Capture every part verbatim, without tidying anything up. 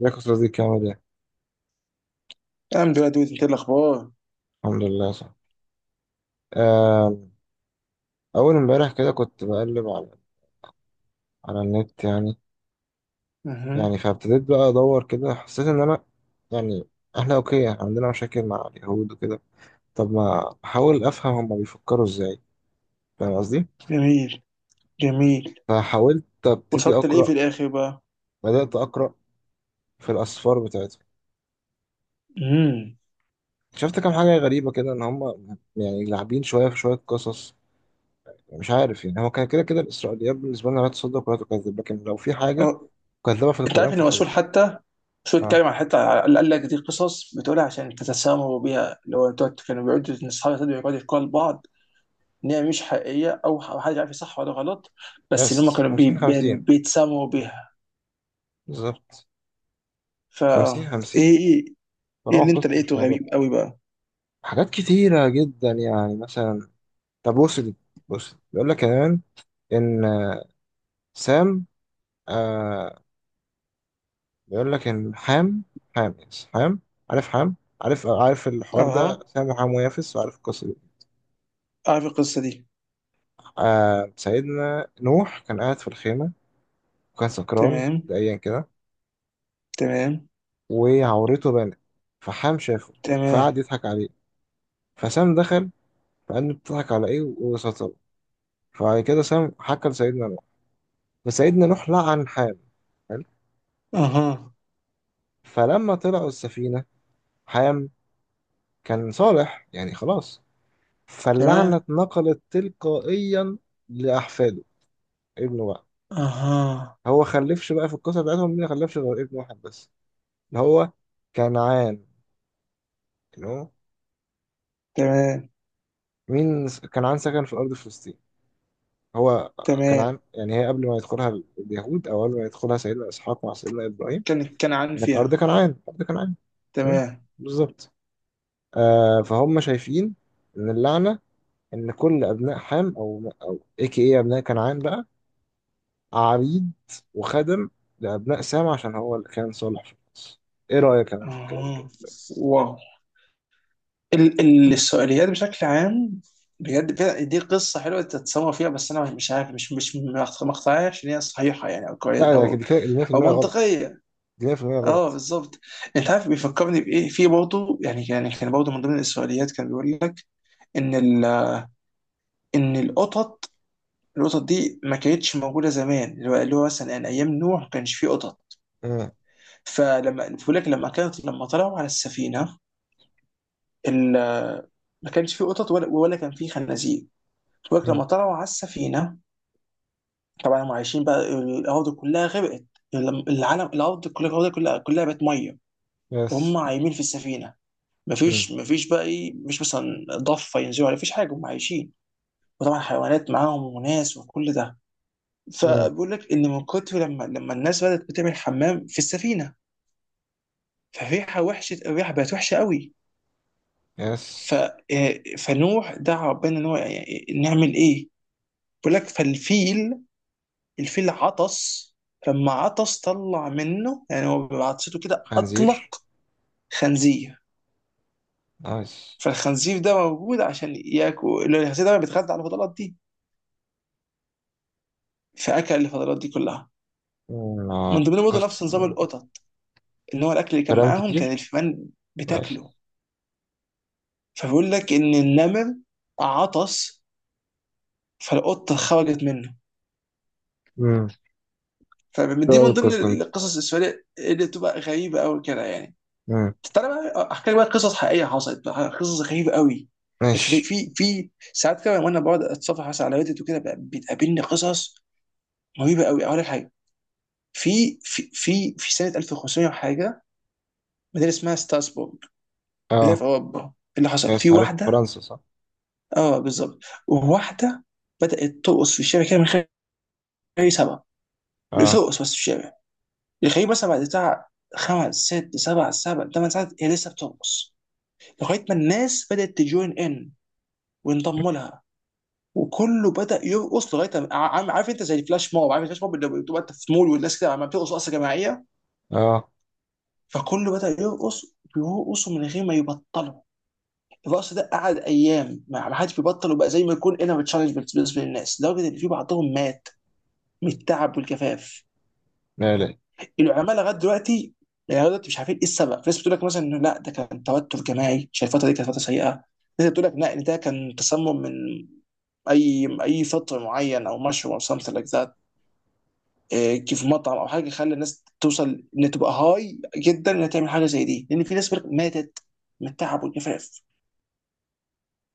ازيك يا صديقي، عامل ايه؟ الحمد لله، دود. انت إيه الاخبار؟ الحمد لله. صح. آم، أول امبارح كده كنت بقلب على على النت، يعني. اها. يعني فابتديت بقى أدور كده، حسيت إن أنا يعني إحنا أوكي، إحنا عندنا مشاكل مع اليهود وكده. طب ما أحاول أفهم هما بيفكروا إزاي، فاهم قصدي؟ جميل، جميل. فحاولت أبتدي وصلت لايه في أقرأ. الاخر بقى؟ بدأت أقرأ في الأسفار بتاعتهم. امم. شفت كام حاجة غريبة كده، إن هما يعني لاعبين شوية في شوية قصص. مش عارف، يعني هو كان كده كده الإسرائيليات بالنسبة لنا لا تصدق ولا تكذب، لكن لو في حاجة اه، كذابة في انت القرآن عارف ان الرسول فخلاص. حتى شو اه، اتكلم عن حتى على- قال لك دي قصص بتقولها عشان تتسامروا بيها، اللي هو انتوا كانوا بيقعدوا، ان اصحاب السد بيقعدوا يقولوا لبعض ان هي مش حقيقيه، او ح- حد عارف صح ولا غلط، بس اللي هم يس. كانوا بي... خمسين بي... خمسين، بيتسامروا بيها. بالظبط. فا خمسين خمسين، ايه، ايه. ايه طالما اللي انت القسط مش لقيته موجود. غريب قوي بقى؟ حاجات كتيرة جدا، يعني مثلا. طب بص دي، بص بيقول لك كمان إن آه، سام. آه، بيقول لك إن حام. حام، يس، حام. عارف حام. عارف عارف الحوار ده، اها، سام وحام ويافس، وعارف القصة دي. عارف القصه دي. آه سيدنا نوح كان قاعد في الخيمة، وكان سكران تمام، مبدئيا كده، تمام، وعورته بانت. فحام شافه، تمام. فقعد يضحك عليه. فسام دخل، فقال له بتضحك على ايه؟ فبعد كده سام حكى لسيدنا نوح، فسيدنا نوح لعن حام. حلو؟ اها، فلما طلعوا السفينة، حام كان صالح، يعني خلاص. فاللعنة تمام. اتنقلت تلقائيا لأحفاده. ابنه بقى، اها، هو خلفش بقى في القصة بتاعتهم؟ مين خلفش غير ابن واحد بس، اللي هو كنعان. اللي هو تمام، مين س- كنعان سكن في أرض فلسطين. هو كنعان، تمام. يعني هي قبل ما يدخلها اليهود، أو قبل ما يدخلها سيدنا إسحاق مع سيدنا إبراهيم، كان كان عن كانت أرض فيها. كنعان، أرض كنعان. مم، تمام. بالظبط. آه فهم شايفين ان اللعنه، ان كل ابناء حام او او اي كي اي ابناء كنعان بقى عبيد وخدم لابناء سام، عشان هو اللي كان صالح في القصه. ايه رايك انا في الكلام ده؟ اها. واو. ال ال السؤاليات بشكل عام، بجد فعلا دي قصة حلوة تتسمى فيها، بس أنا مش عارف، مش مش مقطعية إن هي صحيحة يعني، أو كويس، لا، ده أو كده أو مية في المية غلط. منطقية. دي مية في المية أه، غلط. بالظبط. أنت عارف بيفكرني بإيه؟ في برضه يعني يعني كان برضه من ضمن السؤاليات، كان بيقول لك إن ال إن القطط القطط دي ما كانتش موجودة زمان، اللي هو اللي هو مثلا يعني أيام نوح ما كانش فيه قطط. مم. فلما بقول لك لما كانت، لما طلعوا على السفينه ال- ما كانش فيه قطط ولا ولا كان فيه خنازير. بقول لك لما مم. طلعوا على السفينه، طبعا هم عايشين بقى، الارض كلها غرقت. الم- العالم، الارض كلها الارض كلها كلها بقت ميه، يس. وهم عايمين في السفينه. مم. مفيش مفيش بقى ايه، مش مثلا ضفه ينزلوا عليها، مفيش حاجه، هم عايشين، وطبعا حيوانات معاهم وناس وكل ده. مم. فبقول لك ان من كتر لما لما الناس بدات بتعمل حمام في السفينه، فالريحه وحشه، الريحه بقت وحشه قوي. يس. ف آه، فنوح دعا ربنا ان هو، يعني نعمل ايه؟ بيقول لك فالفيل الفيل عطس، فلما عطس طلع منه، يعني هو بعطسته كده خنزير. اطلق خنزير. نايس. فالخنزير ده موجود عشان ياكل، الخنزير ده بيتغذى على الفضلات دي. فاكل الفضلات دي كلها. مم. من آه، ضمنهم برضه قصة. نفس نظام القطط، ان هو الاكل اللي كان كلام معاهم كان كتير. الفئران يس. بتاكله، فبيقول لك ان النمر عطس فالقطه خرجت منه. مم. إيه فدي رأيك من ضمن القصة دي؟ القصص السوريه اللي بتبقى غريبه قوي كده يعني. مم. تعالى بقى احكي لك بقى قصص حقيقيه حصلت بقى، قصص غريبه قوي. في ماشي. في في ساعات كده وانا بقعد اتصفح مثلا على ريدت وكده بقى، بتقابلني قصص رهيبه قوي. اقول لك حاجه، في في في في سنه ألف وخمسمية وحاجه، مدينه اسمها ستاسبورغ، مدينه في اه، اوروبا، اللي حصل في يس، عارف واحده. فرنسا، صح. اه بالظبط. واحده بدات ترقص في الشارع كده من غير اي سبب، اه، بترقص بس في الشارع. يخليه مثلا بعد بتاع خمس، ست، سبع سبع ثمان ساعات هي لسه بترقص، لغايه ما الناس بدات تجوين ان وينضموا لها، وكله بدا يرقص لغايه ما- عارف عارف انت زي الفلاش موب، عارف الفلاش موب اللي بتبقى انت في مول والناس كده عم بترقص رقصه جماعيه. اه. فكله بدا يرقص، بيرقصوا من غير ما يبطلوا. الرقص ده قعد ايام ما ما حدش بيبطل، وبقى زي ما يكون انر تشالنج بالنسبه للناس، لدرجه ان في بعضهم مات من التعب والجفاف. لا، لا. العلماء لغايه دلوقتي، يعني لغايه دلوقتي مش عارفين ايه السبب. في ناس بتقول لك مثلا انه لا، ده كان توتر جماعي عشان الفتره دي كانت فتره سيئه. ناس بتقول لك لا، ان ده كان تسمم من اي اي فطر معين، او مشروب، او something like that. إيه، كيف مطعم او حاجه خلى الناس توصل ان تبقى هاي جدا انها تعمل حاجه زي دي، لان في ناس بتقولك ماتت من التعب والجفاف.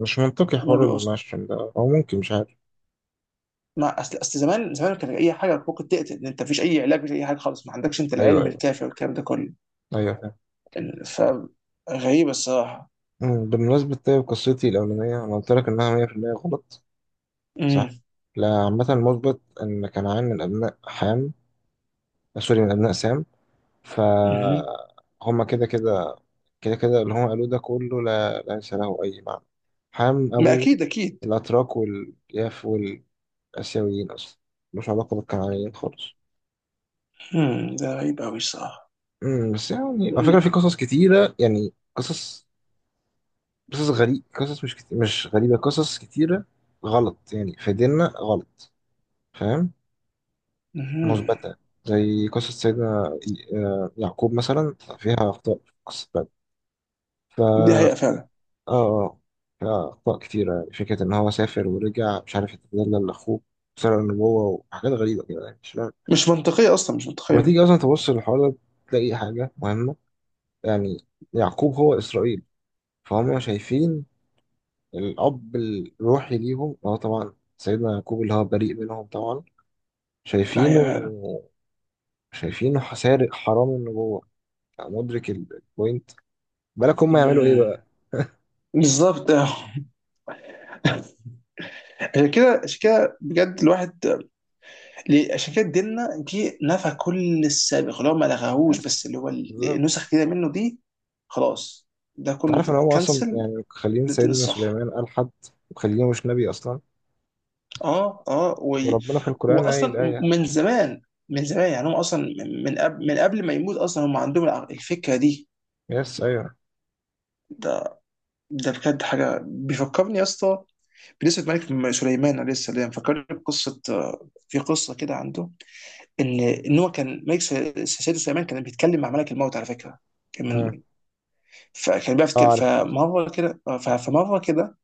مش منطقي ما حوار بيقصوا، المشتم ده، او ممكن مش عارف. ما اصل اصل زمان زمان كان اي حاجه ممكن تقتل، انت مفيش اي علاج، مفيش اي حاجه خالص، ما عندكش انت ايوه، العلم ايوه. الكافي والكلام ده كله. ايوه، فاهم. ف غريبه الصراحه. مم، بمناسبة، طيب قصتي الأولانية أنا قلت لك إنها مية في المية غلط، صح؟ لا، عامة المثبت إن كنعان من أبناء حام، سوري من أبناء سام. امم. فهم كده كده، كده كده اللي هم قالوه ده كله لا ليس له أي معنى. حام ما أبو اكيد، اكيد. الأتراك والياف والآسيويين أصلا، ملوش علاقة بالكنعانيين خالص. هم، ده غريب قوي الصراحه. مم، بس يعني على فكرة مم. في قصص كتيرة، يعني قصص، قصص غريب، قصص مش كتير، مش غريبة، قصص كتيرة غلط يعني في ديننا غلط، فاهم؟ مم. مثبتة. زي قصة سيدنا ي- آه، يعقوب مثلا فيها أخطاء، في قصة بعد. ف دي اه حقيقه فعلا. آه، فيها أخطاء كتيرة. يعني فكرة إن هو سافر ورجع، مش عارف يتدلل لأخوه، سرق النبوة وحاجات غريبة كده، يعني مش فاهم. مش منطقيه اصلا، مش لما منطقيه. تيجي أصلا تبص للحوار ده تلاقي حاجة مهمة. يعني يعقوب هو إسرائيل. فهم شايفين الأب الروحي ليهم هو طبعا سيدنا يعقوب، اللي هو بريء منهم طبعا، دي حقيقه شايفينه، فعلا. شايفينه سارق حرام النبوة. مدرك ال- البوينت. بالك هم يعملوا إيه مم. بقى؟ بالظبط، آه. عشان كده، عشان كده بجد الواحد. ليه- عشان كده ديننا جه نفى كل السابق، اللي هو ما لغاهوش، بس بس اللي هو ال- بالظبط. النسخ كده منه دي. خلاص، ده كله تعرف إن هم أصلا كنسل. يعني خالين ده الدين سيدنا الصح. سليمان قال حد، وخالينه مش نبي أصلا. اه اه و... وربنا في القرآن قايل واصلا الآية. من زمان، من زمان يعني، هم اصلا من من قبل من قبل ما يموت اصلا هم عندهم الع- الفكره دي. يس، أيوه. ده ده بجد حاجه بيفكرني يا اسطى، بنسبة ملك م- سليمان عليه السلام. فكرني بقصة، آه، في قصة كده عنده، إن إن هو كان ملك سل- سيدنا سليمان كان بيتكلم مع ملك الموت على فكرة، كان أه. من. فكان بيعرف آه، يتكلم- عارف فمرة كده آه، ف- فمرة كده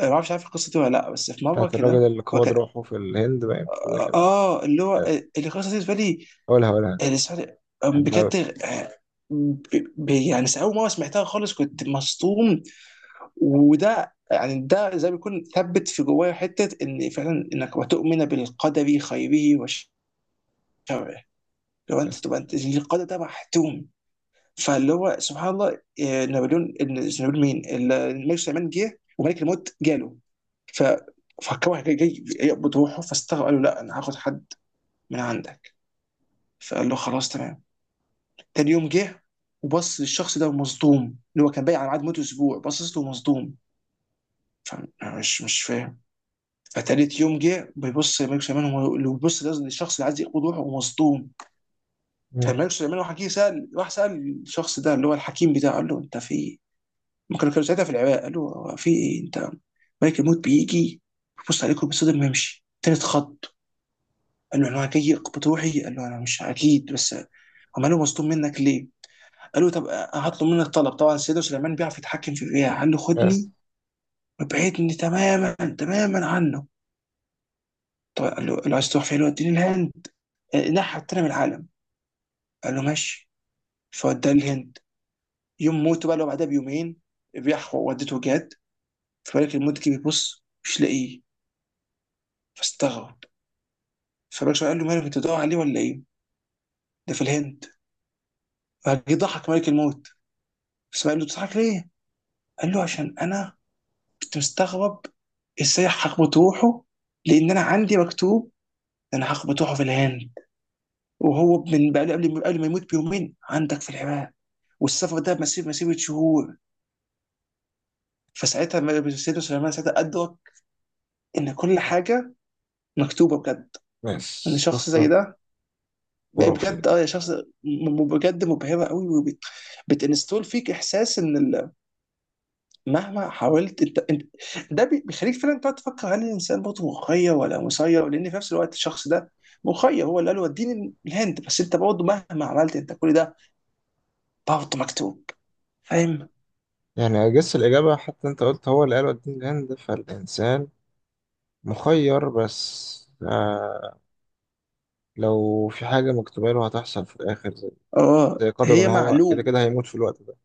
آه، ما أعرفش عارف القصة دي ولا لأ، بس في مرة بتاعت الراجل كده اللي هو قبض كان. روحه في الهند، باين زي آه كده. آه، اللي هو، يس، آه، اللي قصة دي بالنسبة لي، قولها قولها. آه، لسه- آه، بحبها أوي. بجد. آه، ب- ب- يعني أول مرة سمعتها خالص كنت مصدوم، وده يعني ده زي ما بيكون ثبت في جوايا حته ان فعلا انك وتؤمن بالقدر خيره وشره، لو انت يس. تبقى انت القدر ده محتوم. فاللي هو سبحان الله، آه، نابليون، إن- مش نابليون، مين، ال- الملك سليمان جه وملك الموت جاله. ف فكره جاي جاي يقبض روحه، فاستغرب، قال له لا، انا هاخد حد من عندك. فقال له خلاص، تمام. تاني يوم جه وبص للشخص ده ومصدوم، اللي هو كان بايع على ميعاد موته اسبوع، بصص له مصدوم، فمش مش مش فاهم. فتالت يوم جه بيبص، ملك سليمان هو اللي بيبص، ده الشخص اللي عايز يقبض روحه ومصدوم. مم. فملك سليمان راح جه سال راح سال الشخص ده اللي هو الحكيم بتاعه، قال له انت في ايه؟ هم كانوا كانوا ساعتها في العراق، قال له هو في ايه انت، ملك الموت بيجي بيبص عليكم بيصدم ويمشي تالت خط. قال له انا جاي اقبض روحي. قال له انا مش اكيد بس، هم قالوا مصدوم منك ليه؟ قال له طب هطلب منك طلب، طبعا سيدنا سليمان بيعرف يتحكم في الرياح، قال له يس. خدني وابعدني تماما تماما عنه. طب قال له قال له عايز تروح فين؟ قال له اديني الهند، نحى التاني من العالم. قال له ماشي. فوداه الهند. يوم موته بقى، لو بعدها بيومين بيحفر، ودته جاد. فبالك المدة بيبص مش لاقيه، فاستغرب، فبالك قال له مالك، انت بتدور عليه ولا ايه؟ ده في الهند. فجه ضحك ملك الموت بس، قال له بتضحك ليه؟ قال له عشان انا كنت مستغرب ازاي هخبط روحه، لان انا عندي مكتوب ان انا هخبط روحه في الهند، وهو من بقى قبل قبل ما يموت بيومين عندك في العراق، والسفر ده مسير مسيرة شهور. فساعتها ما- سيدنا سليمان ساعتها أدرك ان كل حاجه مكتوبه بجد. ان يس، شخص زي قصة ده بقى خرافية. بجد، اه يا شخص، م- م- بجد مبهره قوي، وبتنستول فيك احساس ان ال- مهما حاولت انت, انت, ده بي- بيخليك فعلا تقعد تفكر هل الانسان برضه مخير ولا مسير؟ لان في نفس الوقت الشخص ده مخير، هو اللي قال له وديني الهند، بس انت برضه مهما عملت انت كل ده برضه مكتوب. فاهم؟ يعني أجس الإجابة، حتى أنت قلت هو اللي قال وديني الهند، فالإنسان مخير، بس آه لو في حاجة مكتوبة له هتحصل في الآخر، زي, اه، زي قدره إن هي هو كده معلوم. كده هيموت في الوقت ده.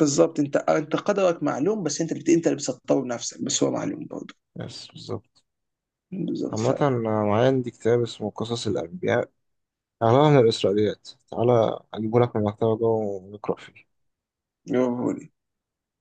بالظبط، انت انت قدرك معلوم، بس انت بت... انت اللي بتسطره بنفسك، بس هو معلوم برضه. بس بالظبط. بالظبط. عامة أنا معايا عندي كتاب اسمه قصص الأنبياء، أغلبها من الإسرائيليات، تعالى أجيبه لك من المكتبة جوه ونقرأ فيه. فعلا.